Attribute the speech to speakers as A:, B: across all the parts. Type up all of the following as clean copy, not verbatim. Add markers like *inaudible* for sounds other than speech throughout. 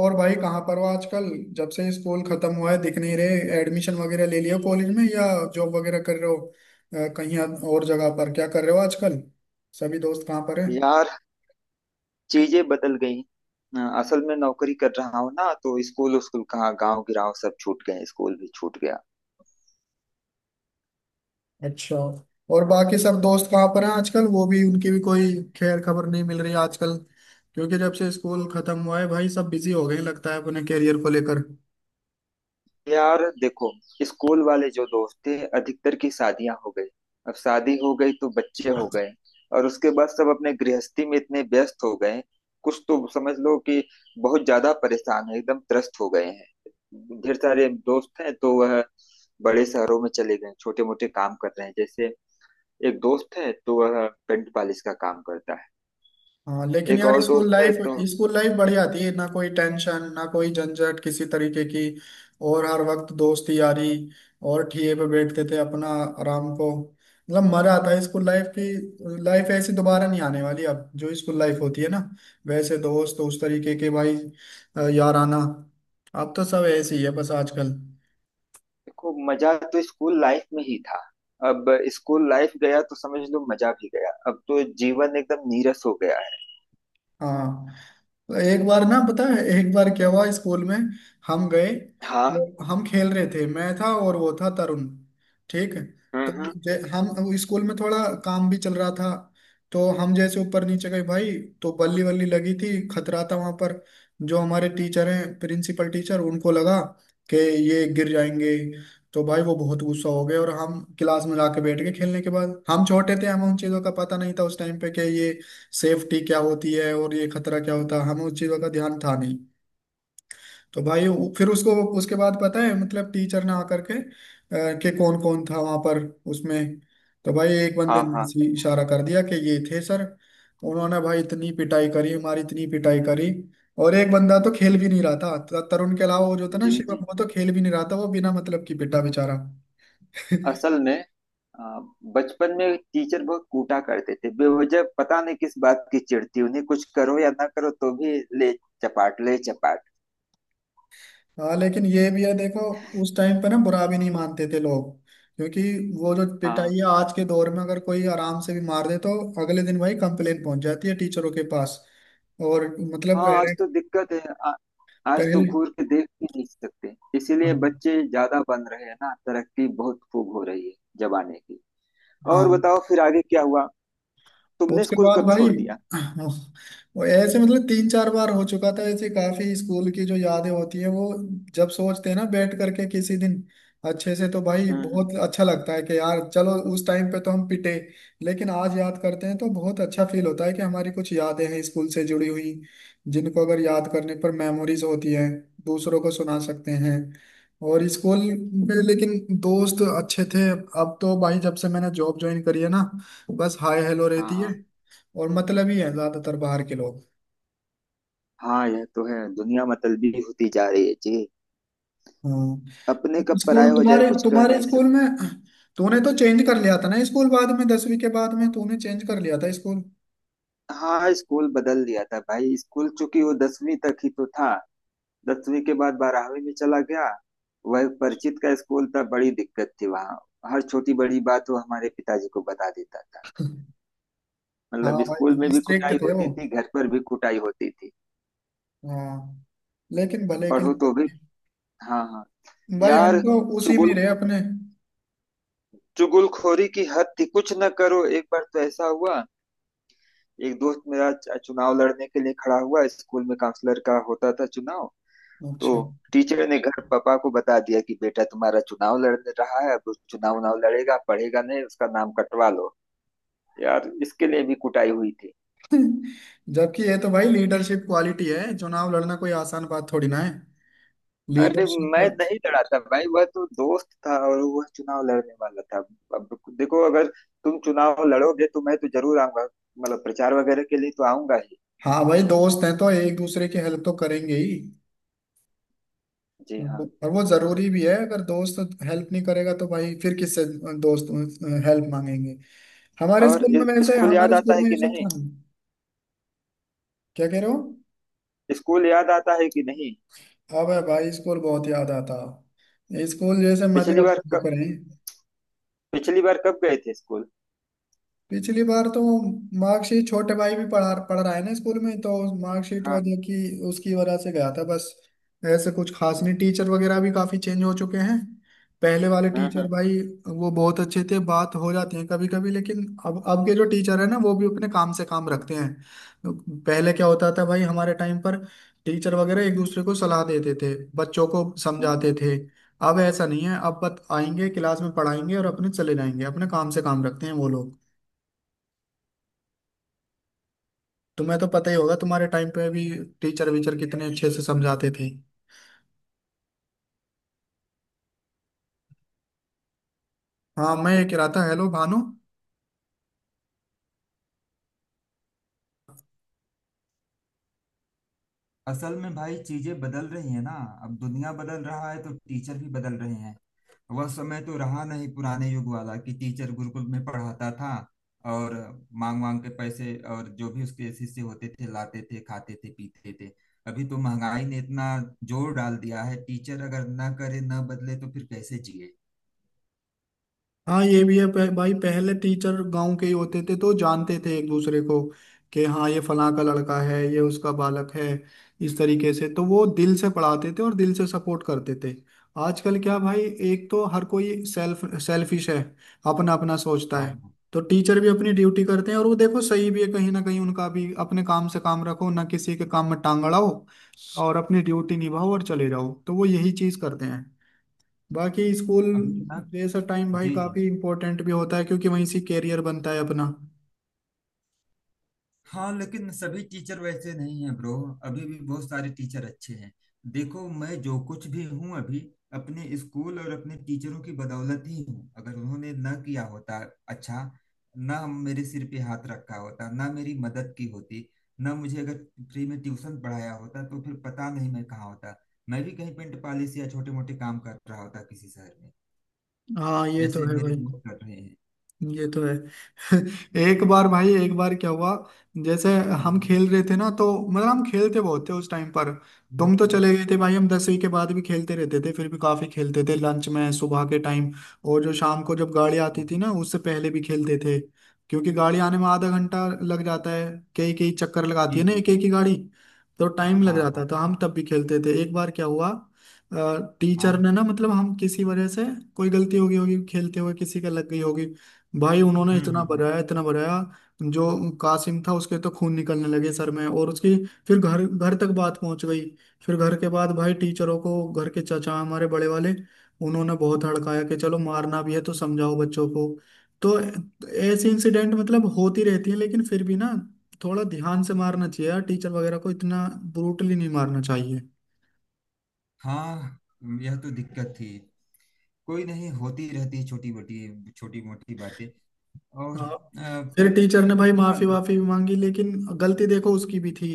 A: और भाई कहाँ पर हो आजकल। जब से स्कूल खत्म हुआ है दिख नहीं रहे, एडमिशन वगैरह ले लिया कॉलेज में या जॉब वगैरह कर रहे हो? कहीं आप और जगह पर क्या कर रहे हो आजकल? सभी दोस्त कहाँ पर हैं?
B: यार, चीजें बदल गई। असल में नौकरी कर रहा हूँ ना, तो स्कूल स्कूल कहाँ, गांव गिराव सब छूट गए, स्कूल भी छूट गया।
A: अच्छा। और बाकी सब दोस्त कहाँ पर हैं आजकल, वो भी, उनकी भी कोई खैर खबर नहीं मिल रही आजकल। क्योंकि जब से स्कूल खत्म हुआ है भाई सब बिजी हो गए हैं, लगता है अपने करियर को लेकर।
B: यार देखो, स्कूल वाले जो दोस्त थे, अधिकतर की शादियां हो गई। अब शादी हो गई तो बच्चे हो गए। और उसके बाद सब अपने गृहस्थी में इतने व्यस्त हो गए, कुछ तो समझ लो कि बहुत ज्यादा परेशान है, एकदम त्रस्त हो गए हैं। ढेर सारे दोस्त हैं तो वह बड़े शहरों में चले गए, छोटे मोटे काम कर रहे हैं। जैसे एक दोस्त है तो वह पेंट पॉलिश का काम करता है।
A: हाँ लेकिन
B: एक
A: यार
B: और
A: स्कूल
B: दोस्त है
A: लाइफ,
B: तो
A: स्कूल लाइफ बढ़िया थी ना, कोई टेंशन ना कोई झंझट किसी तरीके की। और हर वक्त दोस्ती यारी। और ठिए पे बैठते थे अपना आराम को। मतलब मजा आता है स्कूल लाइफ की, लाइफ ऐसी दोबारा नहीं आने वाली अब, जो स्कूल लाइफ होती है ना वैसे दोस्त उस तरीके के भाई। यार आना। अब तो सब ऐसे ही है बस आजकल।
B: देखो, मजा तो स्कूल लाइफ में ही था। अब स्कूल लाइफ गया तो समझ लो मजा भी गया, अब तो जीवन एकदम नीरस हो गया है।
A: हाँ। एक बार ना, पता है एक बार क्या हुआ स्कूल में, हम गए
B: हाँ।
A: तो हम खेल रहे थे, मैं था और वो था तरुण। ठीक।
B: हम्म,
A: तो
B: हम्म।
A: हम स्कूल में थोड़ा काम भी चल रहा था, तो हम जैसे ऊपर नीचे गए भाई, तो बल्ली वल्ली लगी थी, खतरा था वहां पर। जो हमारे टीचर हैं, प्रिंसिपल टीचर, उनको लगा कि ये गिर जाएंगे। तो भाई वो बहुत गुस्सा हो गए और हम क्लास में जाके बैठ गए खेलने के बाद। हम छोटे थे, हमें उन चीजों का पता नहीं था उस टाइम पे कि ये सेफ्टी क्या होती है और ये खतरा क्या होता है, हमें उस चीज़ों का ध्यान था नहीं। तो भाई फिर उसको, उसके बाद पता है मतलब टीचर ने आकर के कि कौन कौन था वहां पर उसमें। तो भाई एक बंदे
B: हाँ,
A: ने
B: हाँ।
A: ऐसे ही इशारा कर दिया कि ये थे सर। उन्होंने भाई इतनी पिटाई करी हमारी, इतनी पिटाई करी। और एक बंदा तो खेल भी नहीं रहा था, तरुण के अलावा वो जो था ना
B: जी जी
A: शिवम, वो
B: जी।
A: तो खेल भी नहीं रहा था, वो बिना मतलब की पिटा बेचारा।
B: असल में आ, बचपन में टीचर बहुत कूटा करते थे बेवजह। पता नहीं किस बात की चिढ़ती उन्हें, कुछ करो या ना करो तो भी ले चपाट ले चपाट।
A: हाँ लेकिन ये भी है देखो, उस टाइम पे ना बुरा भी नहीं मानते थे लोग। क्योंकि वो जो
B: हाँ
A: पिटाई है, आज के दौर में अगर कोई आराम से भी मार दे तो अगले दिन भाई कंप्लेन पहुंच जाती है टीचरों के पास। और मतलब
B: हाँ, आज
A: पहले,
B: तो दिक्कत है। आ, आज तो
A: पहले
B: घूर के देख भी नहीं सकते, इसीलिए
A: हाँ।
B: बच्चे ज्यादा बन रहे हैं ना, तरक्की बहुत खूब हो रही है जमाने की।
A: हाँ,
B: और बताओ, फिर आगे क्या हुआ? तुमने
A: उसके
B: स्कूल
A: बाद
B: कब
A: भाई
B: छोड़ दिया?
A: वो ऐसे मतलब तीन चार बार हो चुका था ऐसे। काफी स्कूल की जो यादें होती हैं वो, जब सोचते हैं ना बैठ करके किसी दिन अच्छे से, तो भाई
B: हम्म, हम्म।
A: बहुत अच्छा लगता है कि यार चलो उस टाइम पे तो हम पिटे, लेकिन आज याद करते हैं तो बहुत अच्छा फील होता है कि हमारी कुछ यादें हैं स्कूल से जुड़ी हुई, जिनको अगर याद करने पर मेमोरीज होती है, दूसरों को सुना सकते हैं। और स्कूल में लेकिन दोस्त अच्छे थे। अब तो भाई जब से मैंने जॉब ज्वाइन करी है ना, तो बस हाय हेलो
B: हाँ
A: रहती
B: हाँ।
A: है। और मतलब ही है, ज्यादातर बाहर के लोग।
B: हाँ, यह तो है, दुनिया मतलबी होती जा रही है जी। अपने
A: हाँ
B: कब
A: स्कूल,
B: पराये हो जाए
A: तुम्हारे
B: कुछ कह
A: तुम्हारे
B: नहीं
A: स्कूल
B: सकते।
A: में तूने तो चेंज कर लिया था ना स्कूल बाद में, 10वीं के बाद में तूने चेंज कर लिया था स्कूल।
B: हाँ, स्कूल बदल दिया था भाई। स्कूल चूंकि वो दसवीं तक ही तो था, दसवीं के बाद बारहवीं में चला गया। वह परिचित का स्कूल था, बड़ी दिक्कत थी वहाँ। हर छोटी बड़ी बात वो हमारे पिताजी को बता देता था।
A: *laughs* हाँ
B: मतलब स्कूल
A: भाई
B: में भी कुटाई
A: स्ट्रिक्ट थे वो।
B: होती थी, घर पर भी कुटाई होती थी।
A: हाँ लेकिन भले के
B: पढ़ो
A: लिए
B: तो भी।
A: करते
B: हाँ हाँ।
A: हैं। भाई हम
B: यार
A: तो उसी में
B: चुगुल,
A: रहे अपने।
B: चुगलखोरी की हद थी। कुछ न करो, एक बार तो ऐसा हुआ, एक दोस्त मेरा चुनाव लड़ने के लिए खड़ा हुआ स्कूल में, काउंसलर का होता था चुनाव। तो
A: अच्छा।
B: टीचर ने घर पापा को बता दिया कि बेटा तुम्हारा चुनाव लड़ रहा है, अब वो चुनाव उनाव लड़ेगा, पढ़ेगा नहीं, उसका नाम कटवा लो। यार, इसके लिए भी कुटाई हुई थी।
A: *laughs* जबकि ये तो भाई लीडरशिप क्वालिटी है, चुनाव लड़ना कोई आसान बात थोड़ी ना है।
B: अरे, मैं
A: लीडरशिप।
B: नहीं लड़ा था भाई, वह तो दोस्त था और वह चुनाव लड़ने वाला था। अब देखो, अगर तुम चुनाव लड़ोगे तो मैं तो जरूर आऊंगा, मतलब प्रचार वगैरह के लिए तो आऊंगा ही।
A: हाँ भाई दोस्त हैं तो एक दूसरे की हेल्प तो करेंगे ही।
B: जी हाँ।
A: और वो जरूरी भी है, अगर दोस्त हेल्प नहीं करेगा तो भाई फिर किससे दोस्त हेल्प मांगेंगे। हमारे
B: और
A: स्कूल में, वैसे
B: स्कूल
A: हमारे
B: याद आता
A: स्कूल
B: है
A: में ये
B: कि
A: सब
B: नहीं?
A: था नहीं। क्या कह रहे हो?
B: स्कूल याद आता है कि नहीं?
A: अब भाई स्कूल बहुत याद आता, स्कूल जैसे मजे
B: पिछली
A: अब
B: बार
A: कहाँ
B: कब,
A: पर हैं।
B: पिछली बार कब गए थे स्कूल?
A: पिछली बार तो मार्कशीट, छोटे भाई भी पढ़ा पढ़ रहा है ना स्कूल में, तो मार्कशीट
B: हाँ
A: वजह की, उसकी वजह से गया था बस। ऐसे कुछ खास नहीं,
B: हाँ।
A: टीचर वगैरह भी काफी चेंज हो चुके हैं। पहले वाले
B: हाँ हाँ,
A: टीचर
B: हाँ,
A: भाई वो बहुत अच्छे थे, बात हो जाती है कभी कभी। लेकिन अब के जो टीचर है ना वो भी अपने काम से काम रखते हैं। पहले क्या होता था भाई, हमारे टाइम पर टीचर वगैरह एक दूसरे को सलाह देते थे, बच्चों को
B: हाँ।
A: समझाते थे। अब ऐसा नहीं है, अब बत आएंगे क्लास में, पढ़ाएंगे और अपने चले जाएंगे, अपने काम से काम रखते हैं वो लोग। तुम्हें तो पता ही होगा तुम्हारे टाइम पे भी टीचर वीचर कितने अच्छे से समझाते थे। हाँ मैं ये कह रहा था, हेलो भानु।
B: असल में भाई चीजें बदल रही हैं ना। अब दुनिया बदल रहा है तो टीचर भी बदल रहे हैं। वह समय तो रहा नहीं पुराने युग वाला कि टीचर गुरुकुल में पढ़ाता था और मांग मांग के पैसे, और जो भी उसके शिष्य होते थे लाते थे, खाते थे पीते थे। अभी तो महंगाई ने इतना जोर डाल दिया है, टीचर अगर ना करे, ना बदले तो फिर कैसे जिए?
A: हाँ ये भी है, भाई पहले टीचर गांव के ही होते थे तो जानते थे एक दूसरे को, कि हाँ ये फलां का लड़का है, ये उसका बालक है। इस तरीके से तो वो दिल से पढ़ाते थे और दिल से सपोर्ट करते थे। आजकल क्या भाई, एक तो हर कोई सेल्फिश है, अपना अपना सोचता
B: हाँ
A: है।
B: हाँ।
A: तो टीचर भी अपनी ड्यूटी करते हैं, और वो देखो सही भी है कहीं ना कहीं उनका भी, अपने काम से काम रखो, ना किसी के काम में टांग अड़ाओ, और अपनी ड्यूटी निभाओ और चले जाओ, तो वो यही चीज करते हैं। बाकी स्कूल
B: अभी ना।
A: जैसा टाइम भाई
B: जी जी।
A: काफी इम्पोर्टेंट भी होता है क्योंकि वहीं से कैरियर बनता है अपना।
B: हाँ लेकिन सभी टीचर वैसे नहीं हैं ब्रो, अभी भी बहुत सारे टीचर अच्छे हैं। देखो, मैं जो कुछ भी हूँ अभी, अपने स्कूल और अपने टीचरों की बदौलत ही हूँ। अगर उन्होंने ना किया होता, अच्छा, ना मेरे सिर पे हाथ रखा होता, ना मेरी मदद की होती, ना मुझे अगर फ्री में ट्यूशन पढ़ाया होता, तो फिर पता नहीं मैं कहाँ होता। मैं भी कहीं पेंट पॉलिश या छोटे मोटे काम कर रहा होता किसी शहर में,
A: हाँ ये तो
B: जैसे
A: है
B: मेरे
A: भाई,
B: दोस्त कर रहे हैं।
A: ये तो है। *laughs*
B: तो
A: एक बार भाई, एक बार क्या हुआ, जैसे
B: हाँ
A: हम
B: हाँ।
A: खेल रहे थे ना, तो मतलब हम खेलते बहुत थे उस टाइम पर। तुम तो
B: हम्म।
A: चले गए थे भाई, हम 10वीं के बाद भी खेलते रहते थे फिर भी, काफी खेलते थे लंच में, सुबह के टाइम और जो शाम को जब गाड़ी
B: हाँ,
A: आती थी
B: हाँ।
A: ना उससे पहले भी खेलते थे। क्योंकि गाड़ी आने में आधा घंटा लग जाता है, कई कई चक्कर लगाती
B: जी
A: है ना
B: जी
A: एक एक
B: जी।
A: ही गाड़ी। तो टाइम लग
B: हाँ
A: जाता
B: हाँ।
A: था, हम तब भी खेलते थे। एक बार क्या हुआ, टीचर
B: हाँ
A: ने ना, मतलब हम किसी वजह से, कोई गलती हो गई होगी खेलते हुए, किसी का लग गई होगी। भाई उन्होंने
B: हम्म, हम्म,
A: इतना बजाया, इतना बजाया जो कासिम था उसके तो खून निकलने लगे सर में, और उसकी फिर घर घर तक बात पहुंच गई। फिर घर के बाद भाई टीचरों को, घर के चाचा हमारे बड़े वाले, उन्होंने बहुत हड़काया कि चलो मारना भी है तो समझाओ बच्चों को। तो ऐसे इंसिडेंट मतलब होती रहती है, लेकिन फिर भी ना, थोड़ा ध्यान से मारना चाहिए यार, टीचर वगैरह को इतना ब्रूटली नहीं मारना चाहिए।
B: हाँ, यह तो दिक्कत थी। कोई नहीं, होती रहती है छोटी मोटी बातें। और
A: हाँ, फिर
B: पहले स्कूल
A: टीचर ने
B: में
A: भाई
B: कितने साल
A: माफी
B: तक?
A: वाफी भी मांगी, लेकिन गलती देखो उसकी भी थी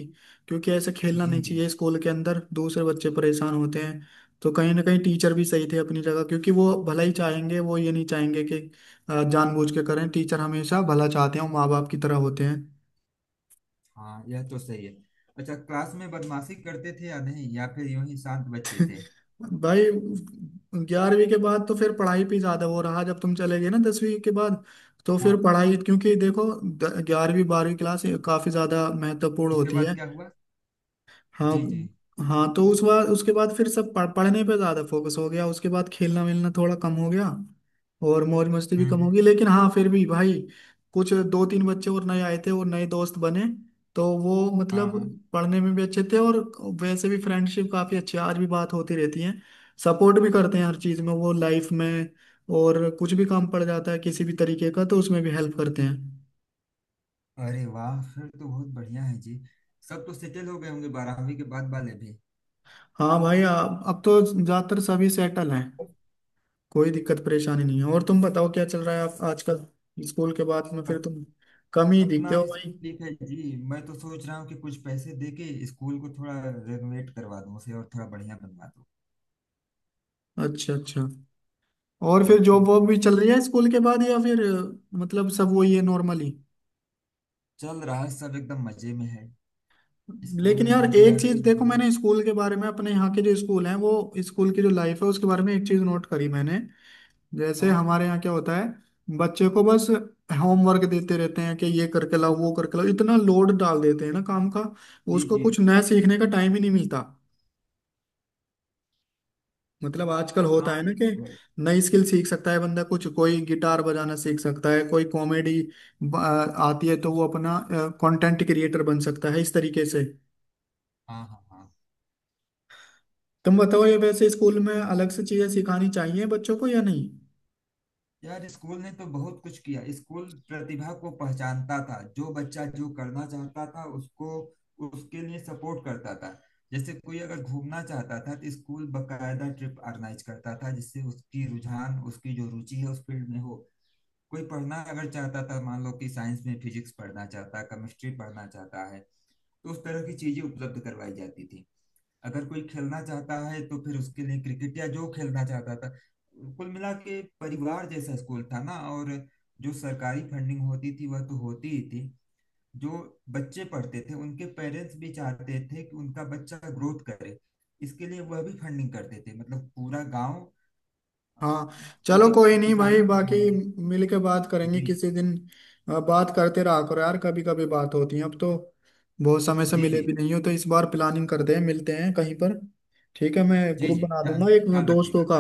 A: क्योंकि ऐसे खेलना
B: जी
A: नहीं
B: जी।
A: चाहिए स्कूल के अंदर, दूसरे बच्चे परेशान होते हैं। तो कहीं ना कहीं टीचर भी सही थे अपनी जगह, क्योंकि वो भला ही चाहेंगे, वो ये नहीं चाहेंगे कि जानबूझ के करें, टीचर हमेशा भला चाहते हैं, माँ बाप की तरह होते हैं।
B: हाँ, यह तो सही है। अच्छा, क्लास में बदमाशी करते थे या नहीं, या फिर यूं ही शांत बच्चे थे?
A: भाई 11वीं के बाद तो फिर पढ़ाई पे ज्यादा वो रहा, जब तुम चले गए ना 10वीं के बाद, तो फिर
B: हाँ,
A: पढ़ाई, क्योंकि देखो 11वीं 12वीं क्लास काफी ज्यादा महत्वपूर्ण
B: उसके
A: होती
B: बाद
A: है।
B: क्या हुआ?
A: हाँ।
B: जी जी।
A: हाँ तो उस बार, उसके बाद फिर सब पढ़ने पे ज्यादा फोकस हो गया, उसके बाद खेलना मिलना थोड़ा कम हो गया, और मौज मस्ती भी
B: हम्म,
A: कम हो
B: हम्म।
A: गई। लेकिन हाँ फिर भी भाई कुछ दो तीन बच्चे और नए आए थे और नए दोस्त बने, तो वो
B: हाँ
A: मतलब
B: हाँ।
A: पढ़ने में भी अच्छे थे। और वैसे भी फ्रेंडशिप काफी अच्छी है, आज भी बात होती रहती है, सपोर्ट भी करते हैं हर चीज में वो लाइफ में। और कुछ भी काम पड़ जाता है किसी भी तरीके का तो उसमें भी हेल्प करते हैं।
B: अरे वाह, फिर तो बहुत बढ़िया है जी। सब तो सेटल हो गए होंगे बारहवीं के बाद वाले भी।
A: हाँ भाई अब तो ज्यादातर सभी सेटल हैं, कोई दिक्कत परेशानी नहीं है। और तुम बताओ क्या चल रहा है आप आजकल, स्कूल के बाद में फिर तुम कम ही दिखते
B: अपना
A: हो
B: भी सेम
A: भाई।
B: तकलीफ है जी। मैं तो सोच रहा हूँ कि कुछ पैसे दे के स्कूल को थोड़ा रेनोवेट करवा दूँ उसे, और थोड़ा बढ़िया बनवा दूँ,
A: अच्छा अच्छा। और फिर जॉब
B: क्योंकि
A: वॉब भी चल रही है स्कूल के बाद या फिर मतलब सब वही है नॉर्मली?
B: चल रहा है सब, एकदम मजे में है। स्कूल
A: लेकिन
B: ने
A: यार
B: जो दिया
A: एक चीज
B: उसी
A: देखो,
B: में-
A: मैंने स्कूल के बारे में, अपने यहाँ के जो स्कूल हैं वो, स्कूल की जो लाइफ है उसके बारे में एक चीज नोट करी मैंने। जैसे
B: हाँ।
A: हमारे यहाँ क्या होता है, बच्चे को बस होमवर्क देते रहते हैं कि ये करके लाओ, वो करके लाओ, इतना लोड डाल देते हैं ना काम का,
B: जी
A: उसको
B: जी।
A: कुछ नया सीखने का टाइम ही नहीं मिलता। मतलब आजकल होता
B: हाँ,
A: है ना
B: ये
A: कि
B: तो है।
A: नई स्किल सीख सकता है बंदा कुछ, कोई गिटार बजाना सीख सकता है, कोई कॉमेडी आती है तो वो अपना कंटेंट क्रिएटर बन सकता है इस तरीके से।
B: हाँ हाँ हाँ।
A: तुम बताओ ये, वैसे स्कूल में अलग से चीजें सिखानी चाहिए बच्चों को या नहीं?
B: यार स्कूल ने तो बहुत कुछ किया। स्कूल प्रतिभा को पहचानता था। जो बच्चा जो करना चाहता था, उसको उसके लिए सपोर्ट करता था। जैसे कोई अगर घूमना चाहता था तो स्कूल बकायदा ट्रिप ऑर्गेनाइज करता था, जिससे उसकी रुझान, उसकी जो रुचि है उस फील्ड में हो। कोई पढ़ना अगर चाहता था, मान लो कि साइंस में फिजिक्स पढ़ना चाहता, केमिस्ट्री पढ़ना चाहता है, तो उस तरह की चीजें उपलब्ध करवाई जाती थी। अगर कोई खेलना चाहता है तो फिर उसके लिए क्रिकेट, या जो खेलना चाहता था। कुल मिला के परिवार जैसा स्कूल था ना। और जो सरकारी फंडिंग होती थी वह तो होती ही थी। जो बच्चे पढ़ते थे उनके पेरेंट्स भी चाहते थे कि उनका बच्चा ग्रोथ करे, इसके लिए वह भी फंडिंग करते थे। मतलब पूरा गांव, अ,
A: हाँ चलो
B: चूंकि
A: कोई नहीं भाई,
B: किसानों का गांव
A: बाकी
B: है।
A: मिल के बात करेंगे
B: जी
A: किसी दिन। बात करते रहा करो यार, कभी कभी बात होती है अब तो, बहुत समय से
B: जी
A: मिले
B: जी।
A: भी नहीं हो, तो इस बार प्लानिंग
B: हाँ।
A: करते हैं, मिलते हैं कहीं पर। ठीक है मैं
B: जी
A: ग्रुप
B: जी,
A: बना
B: ख्याल,
A: दूंगा एक
B: ख्याल
A: दोस्तों
B: रखिएगा।
A: का।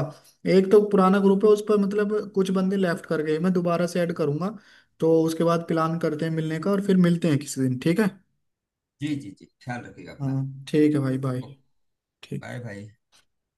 A: एक तो पुराना ग्रुप है उस पर, मतलब कुछ बंदे लेफ्ट कर गए, मैं दोबारा से ऐड करूंगा, तो उसके बाद प्लान करते हैं मिलने का और फिर मिलते हैं किसी दिन, ठीक है।
B: जी जी जी, ख्याल रखिएगा अपना।
A: हाँ ठीक है भाई, बाय।
B: ओके।
A: ठीक।
B: बाय भाई।